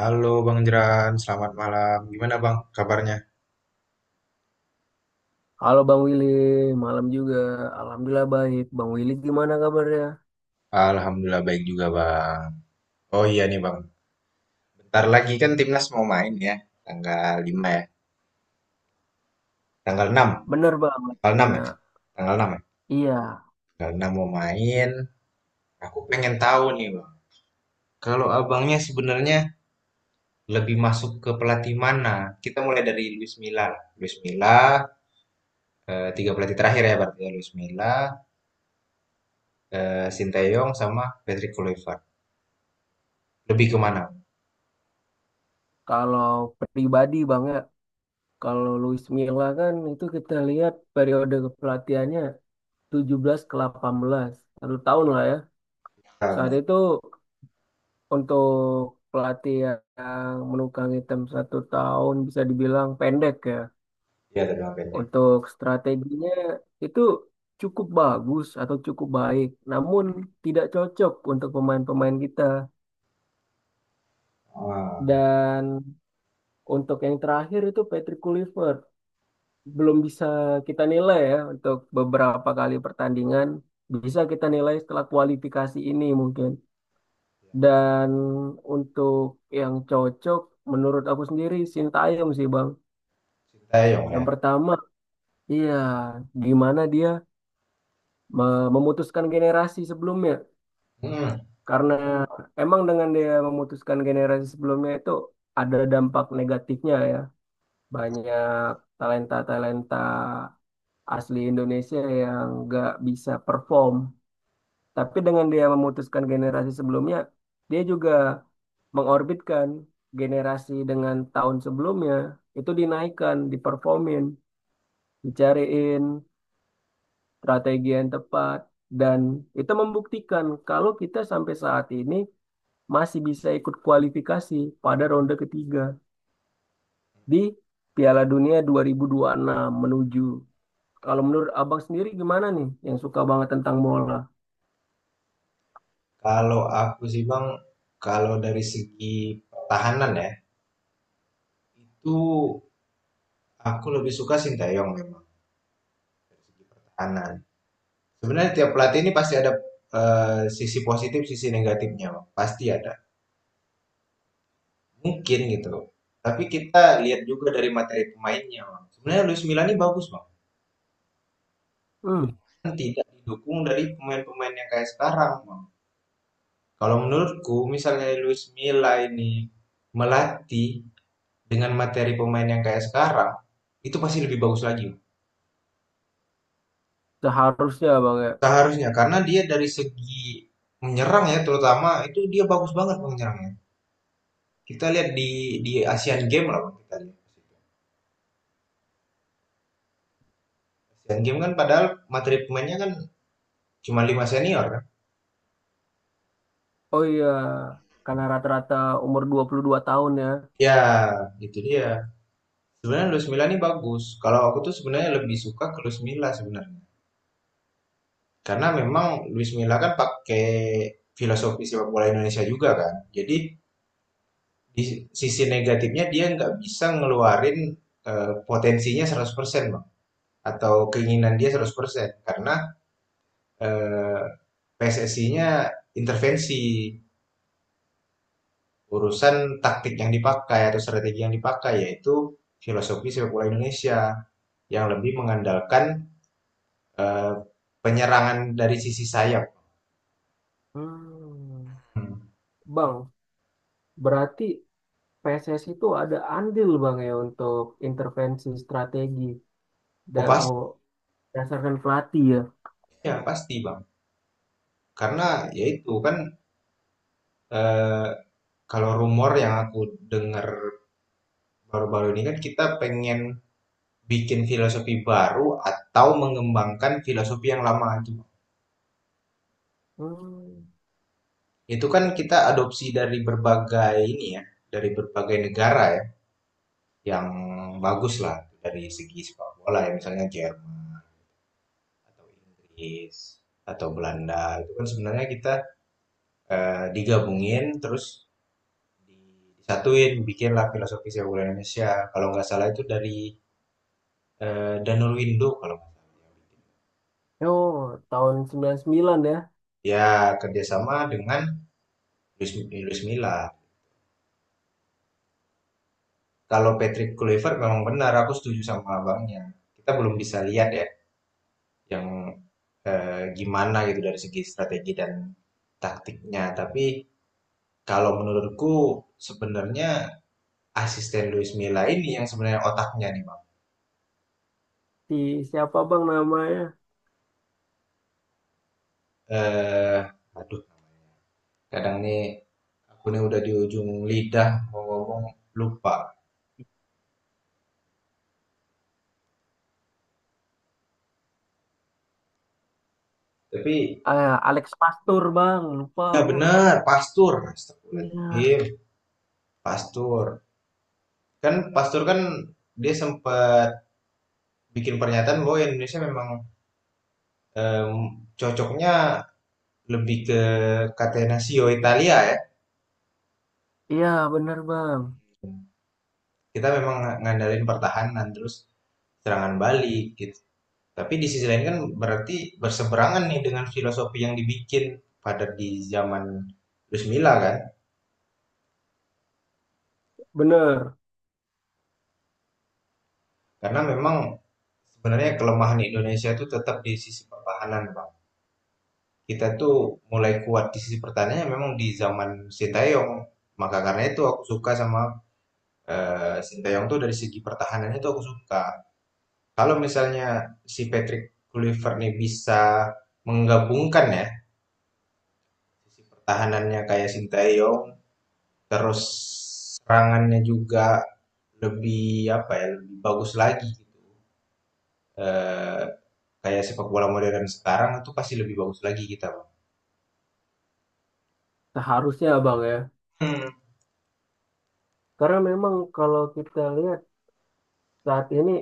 Halo Bang Jeran, selamat malam. Gimana Bang kabarnya? Halo Bang Willy, malam juga. Alhamdulillah baik. Bang Willy gimana kabarnya? Alhamdulillah baik juga Bang. Oh iya nih Bang, bentar lagi kan timnas mau main ya. Tanggal 5, ya. Tanggal 6. Bener banget, Tanggal 6 Cina. ya. Tanggal 6 ya. Iya, Tanggal 6 mau main. Aku pengen tahu nih Bang. Kalau abangnya sebenarnya lebih masuk ke pelatih mana? Kita mulai dari Luis Milla. Luis Milla, tiga pelatih terakhir ya berarti ya. Luis Milla, Sinteyong sama Patrick Kluivert. Lebih ke mana? kalau pribadi Bang ya, kalau Luis Milla kan itu kita lihat periode kepelatihannya 17 ke 18 satu tahun lah ya. Saat Ah. itu untuk pelatih yang menukang hitam satu tahun bisa dibilang pendek ya. Iya, dari Bang pendek. Untuk strateginya itu cukup bagus atau cukup baik, namun tidak cocok untuk pemain-pemain kita. Ah. Dan untuk yang terakhir itu Patrick Kluivert. Belum bisa kita nilai ya untuk beberapa kali pertandingan. Bisa kita nilai setelah kualifikasi ini mungkin. Dan untuk yang cocok menurut aku sendiri Sintayong sih Bang. Sintayong ya? Yang pertama, iya gimana dia memutuskan generasi sebelumnya. Mhm. Karena emang dengan dia memutuskan generasi sebelumnya itu ada dampak negatifnya ya. Banyak talenta-talenta asli Indonesia yang nggak bisa perform. Tapi dengan dia memutuskan generasi sebelumnya, dia juga mengorbitkan generasi dengan tahun sebelumnya, itu dinaikkan, diperformin, dicariin strategi yang tepat. Dan itu membuktikan kalau kita sampai saat ini masih bisa ikut kualifikasi pada ronde ketiga di Piala Dunia 2026 menuju. Kalau menurut Abang sendiri gimana nih yang suka banget tentang bola? Kalau aku sih Bang, kalau dari segi pertahanan ya, itu aku lebih suka Sintayong memang dari segi pertahanan. Sebenarnya tiap pelatih ini pasti ada sisi positif, sisi negatifnya, Bang. Pasti ada. Mungkin gitu. Tapi kita lihat juga dari materi pemainnya, Bang. Sebenarnya Luis Milla ini bagus, Bang. Hmm, Cuman tidak didukung dari pemain-pemain yang kayak sekarang, Bang. Kalau menurutku, misalnya Luis Milla ini melatih dengan materi pemain yang kayak sekarang itu pasti lebih bagus lagi Seharusnya Bang ya. seharusnya karena dia dari segi menyerang ya, terutama itu dia bagus banget menyerangnya. Kita lihat di Asian Games lah, kita lihat Asian Games kan padahal materi pemainnya kan cuma 5 senior kan. Oh iya, karena rata-rata umur 22 tahun ya. Ya gitu, dia sebenarnya Luis Milla ini bagus. Kalau aku tuh sebenarnya lebih suka ke Luis Milla sebenarnya karena memang Luis Milla kan pakai filosofi sepak bola Indonesia juga kan. Jadi di sisi negatifnya dia nggak bisa ngeluarin potensinya 100% Bang, atau keinginan dia 100% karena eh, PSSI-nya intervensi urusan taktik yang dipakai atau strategi yang dipakai, yaitu filosofi sepak bola Indonesia yang lebih mengandalkan eh, penyerangan dari sisi sayap. Hmm, Hmm. Bang, berarti PSS itu ada andil Bang ya untuk intervensi strategi Oh pasti, oh, berdasarkan pelatih ya. ya pasti Bang, karena yaitu kan eh, kalau rumor yang aku dengar baru-baru ini kan kita pengen bikin filosofi baru atau mengembangkan filosofi yang lama itu. Hmm. Itu kan kita adopsi dari berbagai ini ya, dari berbagai negara ya, yang bagus lah dari segi sepak bola ya, misalnya Jerman atau Inggris atau Belanda. Itu kan sebenarnya kita digabungin terus disatuin, bikinlah filosofi sepak bola Indonesia. Kalau nggak salah itu dari Danul Window kalau nggak salah. Oh, tahun 99 ya. Ya, kerjasama dengan Luis, Luis Milla. Kalau Patrick Kluivert memang benar, aku setuju sama abangnya. Kita belum bisa lihat ya yang gimana gitu dari segi strategi dan taktiknya. Tapi kalau menurutku sebenarnya asisten Luis Milla ini yang sebenarnya otaknya nih bang. Si siapa bang namanya? Eh, aduh, kadang nih aku nih udah di ujung lidah mau ngomong lupa. Tapi Ah, Alex Pastur bang, lupa ya bu. benar, Pastur, Iya, Astagfirullahaladzim, Pastur. Kan Pastur kan dia sempat bikin pernyataan bahwa Indonesia memang Em, cocoknya lebih ke Catenaccio Italia ya. iya bener bang, Kita memang ngandalin pertahanan terus serangan balik gitu. Tapi di sisi lain kan berarti berseberangan nih dengan filosofi yang dibikin pada di zaman Luis Milla kan. bener. Karena memang sebenarnya kelemahan Indonesia itu tetap di sisi pertahanan, Bang. Kita tuh mulai kuat di sisi pertahanannya memang di zaman Sintayong. Maka karena itu aku suka sama Sintayong tuh dari segi pertahanannya tuh aku suka. Kalau misalnya si Patrick Kluivert nih bisa menggabungkan ya, sisi pertahanannya kayak Sintayong, terus serangannya juga lebih apa ya, lebih bagus lagi gitu. Eh, kayak sepak bola modern sekarang itu pasti lebih bagus lagi kita, Bang. Seharusnya bang ya, Hmm. karena memang kalau kita lihat saat ini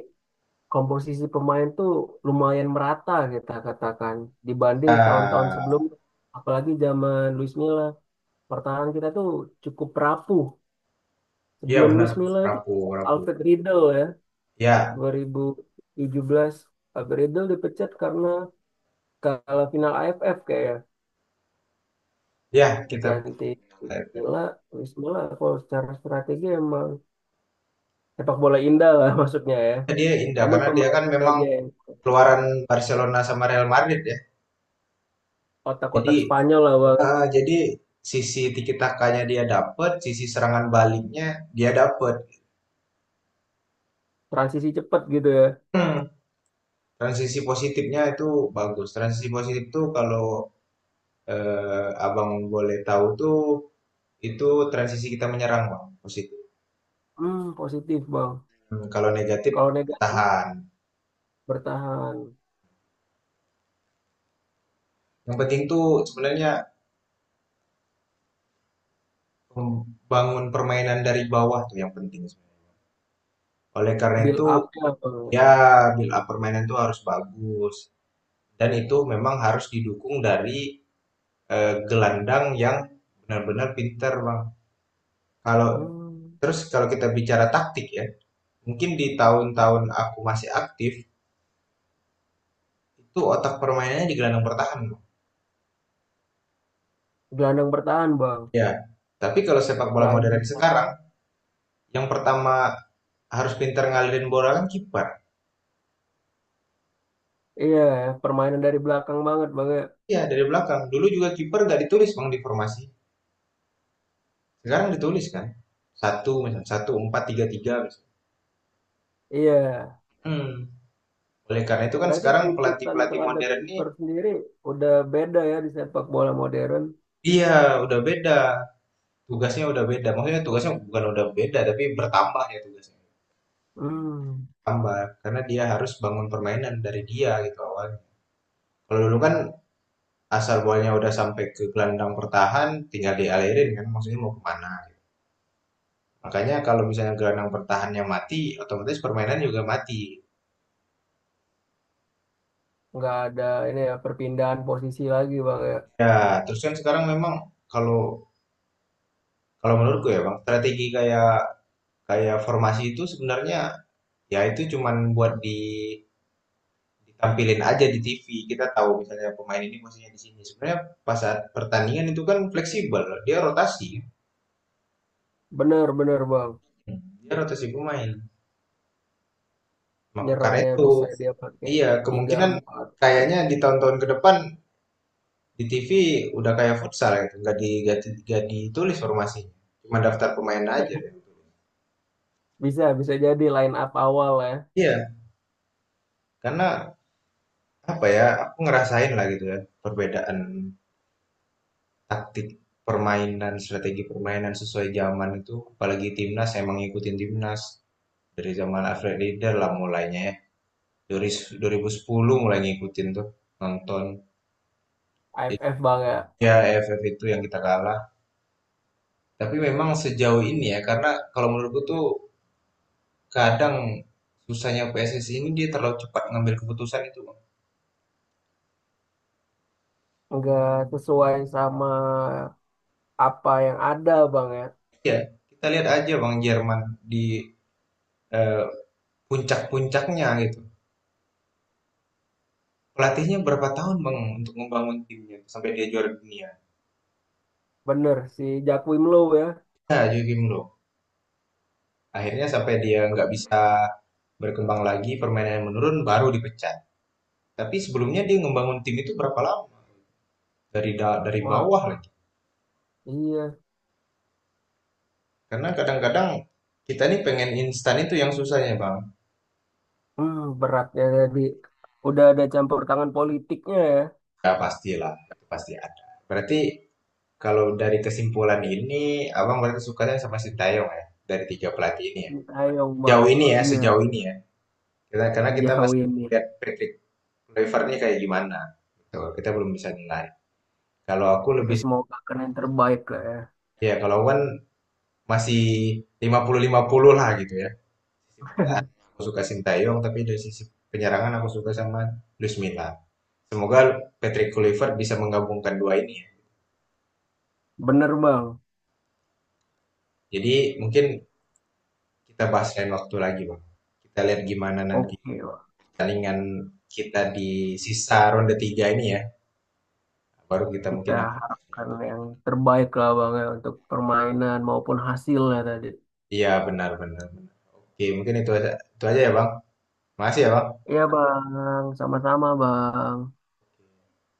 komposisi pemain tuh lumayan merata kita katakan dibanding tahun-tahun sebelum, Ah. apalagi zaman Luis Milla. Pertahanan kita tuh cukup rapuh. Iya Sebelum benar, Luis Milla itu rapuh, rapuh. Alfred Riedel ya, Ya. 2017 Alfred Riedel dipecat karena kalau final AFF kayak Ya, kita. diganti Wismila. Wismila kalau secara strategi emang sepak bola indah lah maksudnya ya. Dia indah Namun karena dia pemain kan memang aja yang keluaran Barcelona sama Real Madrid ya. Jadi otak-otak Spanyol lah bang. heeh, jadi sisi tiki takanya dia dapet, sisi serangan baliknya dia dapet. Transisi cepat gitu ya. Hmm, transisi positifnya itu bagus. Transisi positif tuh kalau abang boleh tahu tuh itu transisi kita menyerang bang positif. Positif bang. Hmm, kalau negatif Kalau negatif bertahan. bertahan. Yang penting tuh sebenarnya membangun permainan dari bawah tuh yang penting sebenarnya. Oleh karena Build itu up ya bang. ya, build up permainan tuh harus bagus, dan itu memang harus didukung dari gelandang yang benar-benar pinter, Bang. Kalau, Hmm, terus kalau kita bicara taktik ya, mungkin di tahun-tahun aku masih aktif, itu otak permainannya di gelandang bertahan, Bang. Gelandang bertahan bang. Iya, tapi kalau sepak bola Selain modern bisa. sekarang, yang pertama harus pintar ngalirin bola kan kiper. Iya, permainan dari belakang banget bang ya. Iya, dari belakang. Dulu juga kiper nggak ditulis, Bang, di formasi. Sekarang ditulis kan. Satu misal, 1-4-3-3 misal. Iya. Mhm. Oleh karena itu kan Berarti sekarang tuntutan pelatih-pelatih terhadap modern ini, kiper sendiri udah beda ya di sepak bola modern. iya, udah beda. Tugasnya udah beda. Maksudnya tugasnya bukan udah beda, tapi bertambah ya tugasnya. Hmm, Tambah, karena dia harus bangun permainan dari dia gitu awalnya. Kalau dulu kan asal bolanya udah sampai ke gelandang pertahan, tinggal dialirin kan, maksudnya mau kemana gitu. Makanya kalau misalnya gelandang pertahannya mati, otomatis permainan juga mati. nggak ada ini ya perpindahan posisi lagi bang ya. Ya, terus kan sekarang memang kalau kalau menurutku ya Bang, strategi kayak kayak formasi itu sebenarnya ya itu cuman buat di ditampilin aja di TV, kita tahu misalnya pemain ini posisinya di sini. Sebenarnya pas saat pertandingan itu kan fleksibel, Bener bener bang. dia rotasi pemain. Maka karena Nyerangnya itu, bisa dia pakai iya tiga kemungkinan empat tiga. kayaknya di tahun-tahun ke depan di TV udah kayak futsal gitu, nggak ditulis formasinya, cuma daftar pemain aja gitu. Bisa bisa jadi line up awal ya. Iya, karena apa ya, aku ngerasain lah gitu ya perbedaan taktik permainan, strategi permainan sesuai zaman itu, apalagi timnas, emang ngikutin timnas. Dari zaman Alfred Lieder lah mulainya ya. Dari 2010 mulai ngikutin tuh nonton. AFF bang ya. Ya, EFF itu yang kita kalah. Tapi memang sejauh ini ya karena kalau menurutku tuh kadang susahnya PSSI ini dia terlalu cepat ngambil keputusan itu, Bang. Nggak sesuai sama apa yang ada bang ya. Iya, kita lihat aja Bang Jerman di eh, puncak-puncaknya gitu. Pelatihnya berapa tahun Bang untuk membangun timnya sampai dia juara dunia. Bener si Jack Low ya. Nah, Joachim Low. Akhirnya sampai dia nggak bisa berkembang lagi, permainannya menurun, baru dipecat. Tapi sebelumnya dia ngebangun tim itu berapa lama? Dari Wah bawah lagi. iya. Karena kadang-kadang kita nih pengen instan itu yang susahnya, Bang. Beratnya jadi udah ada campur tangan politiknya ya. Ya pastilah, itu pasti ada. Berarti kalau dari kesimpulan ini, Abang berarti sukanya sama Sintayong ya, dari tiga pelatih ini ya. Sintayong Jauh bang, ini ya, iya sejauh ini ya. Kita, karena kita sejauh masih belum ini lihat Patrick Kluivert-nya kayak gimana. Gitu. Kita belum bisa nilai. Kalau aku kita lebih, semoga kan yang terbaik lah ya. ya kalau wan masih 50-50 lah gitu ya. Sisi pertahanan aku suka Sintayong, tapi dari sisi penyerangan aku suka sama Luis Milla. Semoga Patrick Kluivert bisa menggabungkan dua ini ya. Bener bang, Jadi mungkin kita bahas lain waktu lagi Bang. Kita lihat gimana nanti oke bang. pertandingan kita di sisa ronde tiga ini ya. Baru kita Kita mungkin akan- harapkan yang terbaik lah bang ya untuk permainan maupun hasilnya tadi. Iya benar benar benar. Oke mungkin itu aja ya Bang. Makasih ya Bang. Iya bang, sama-sama bang.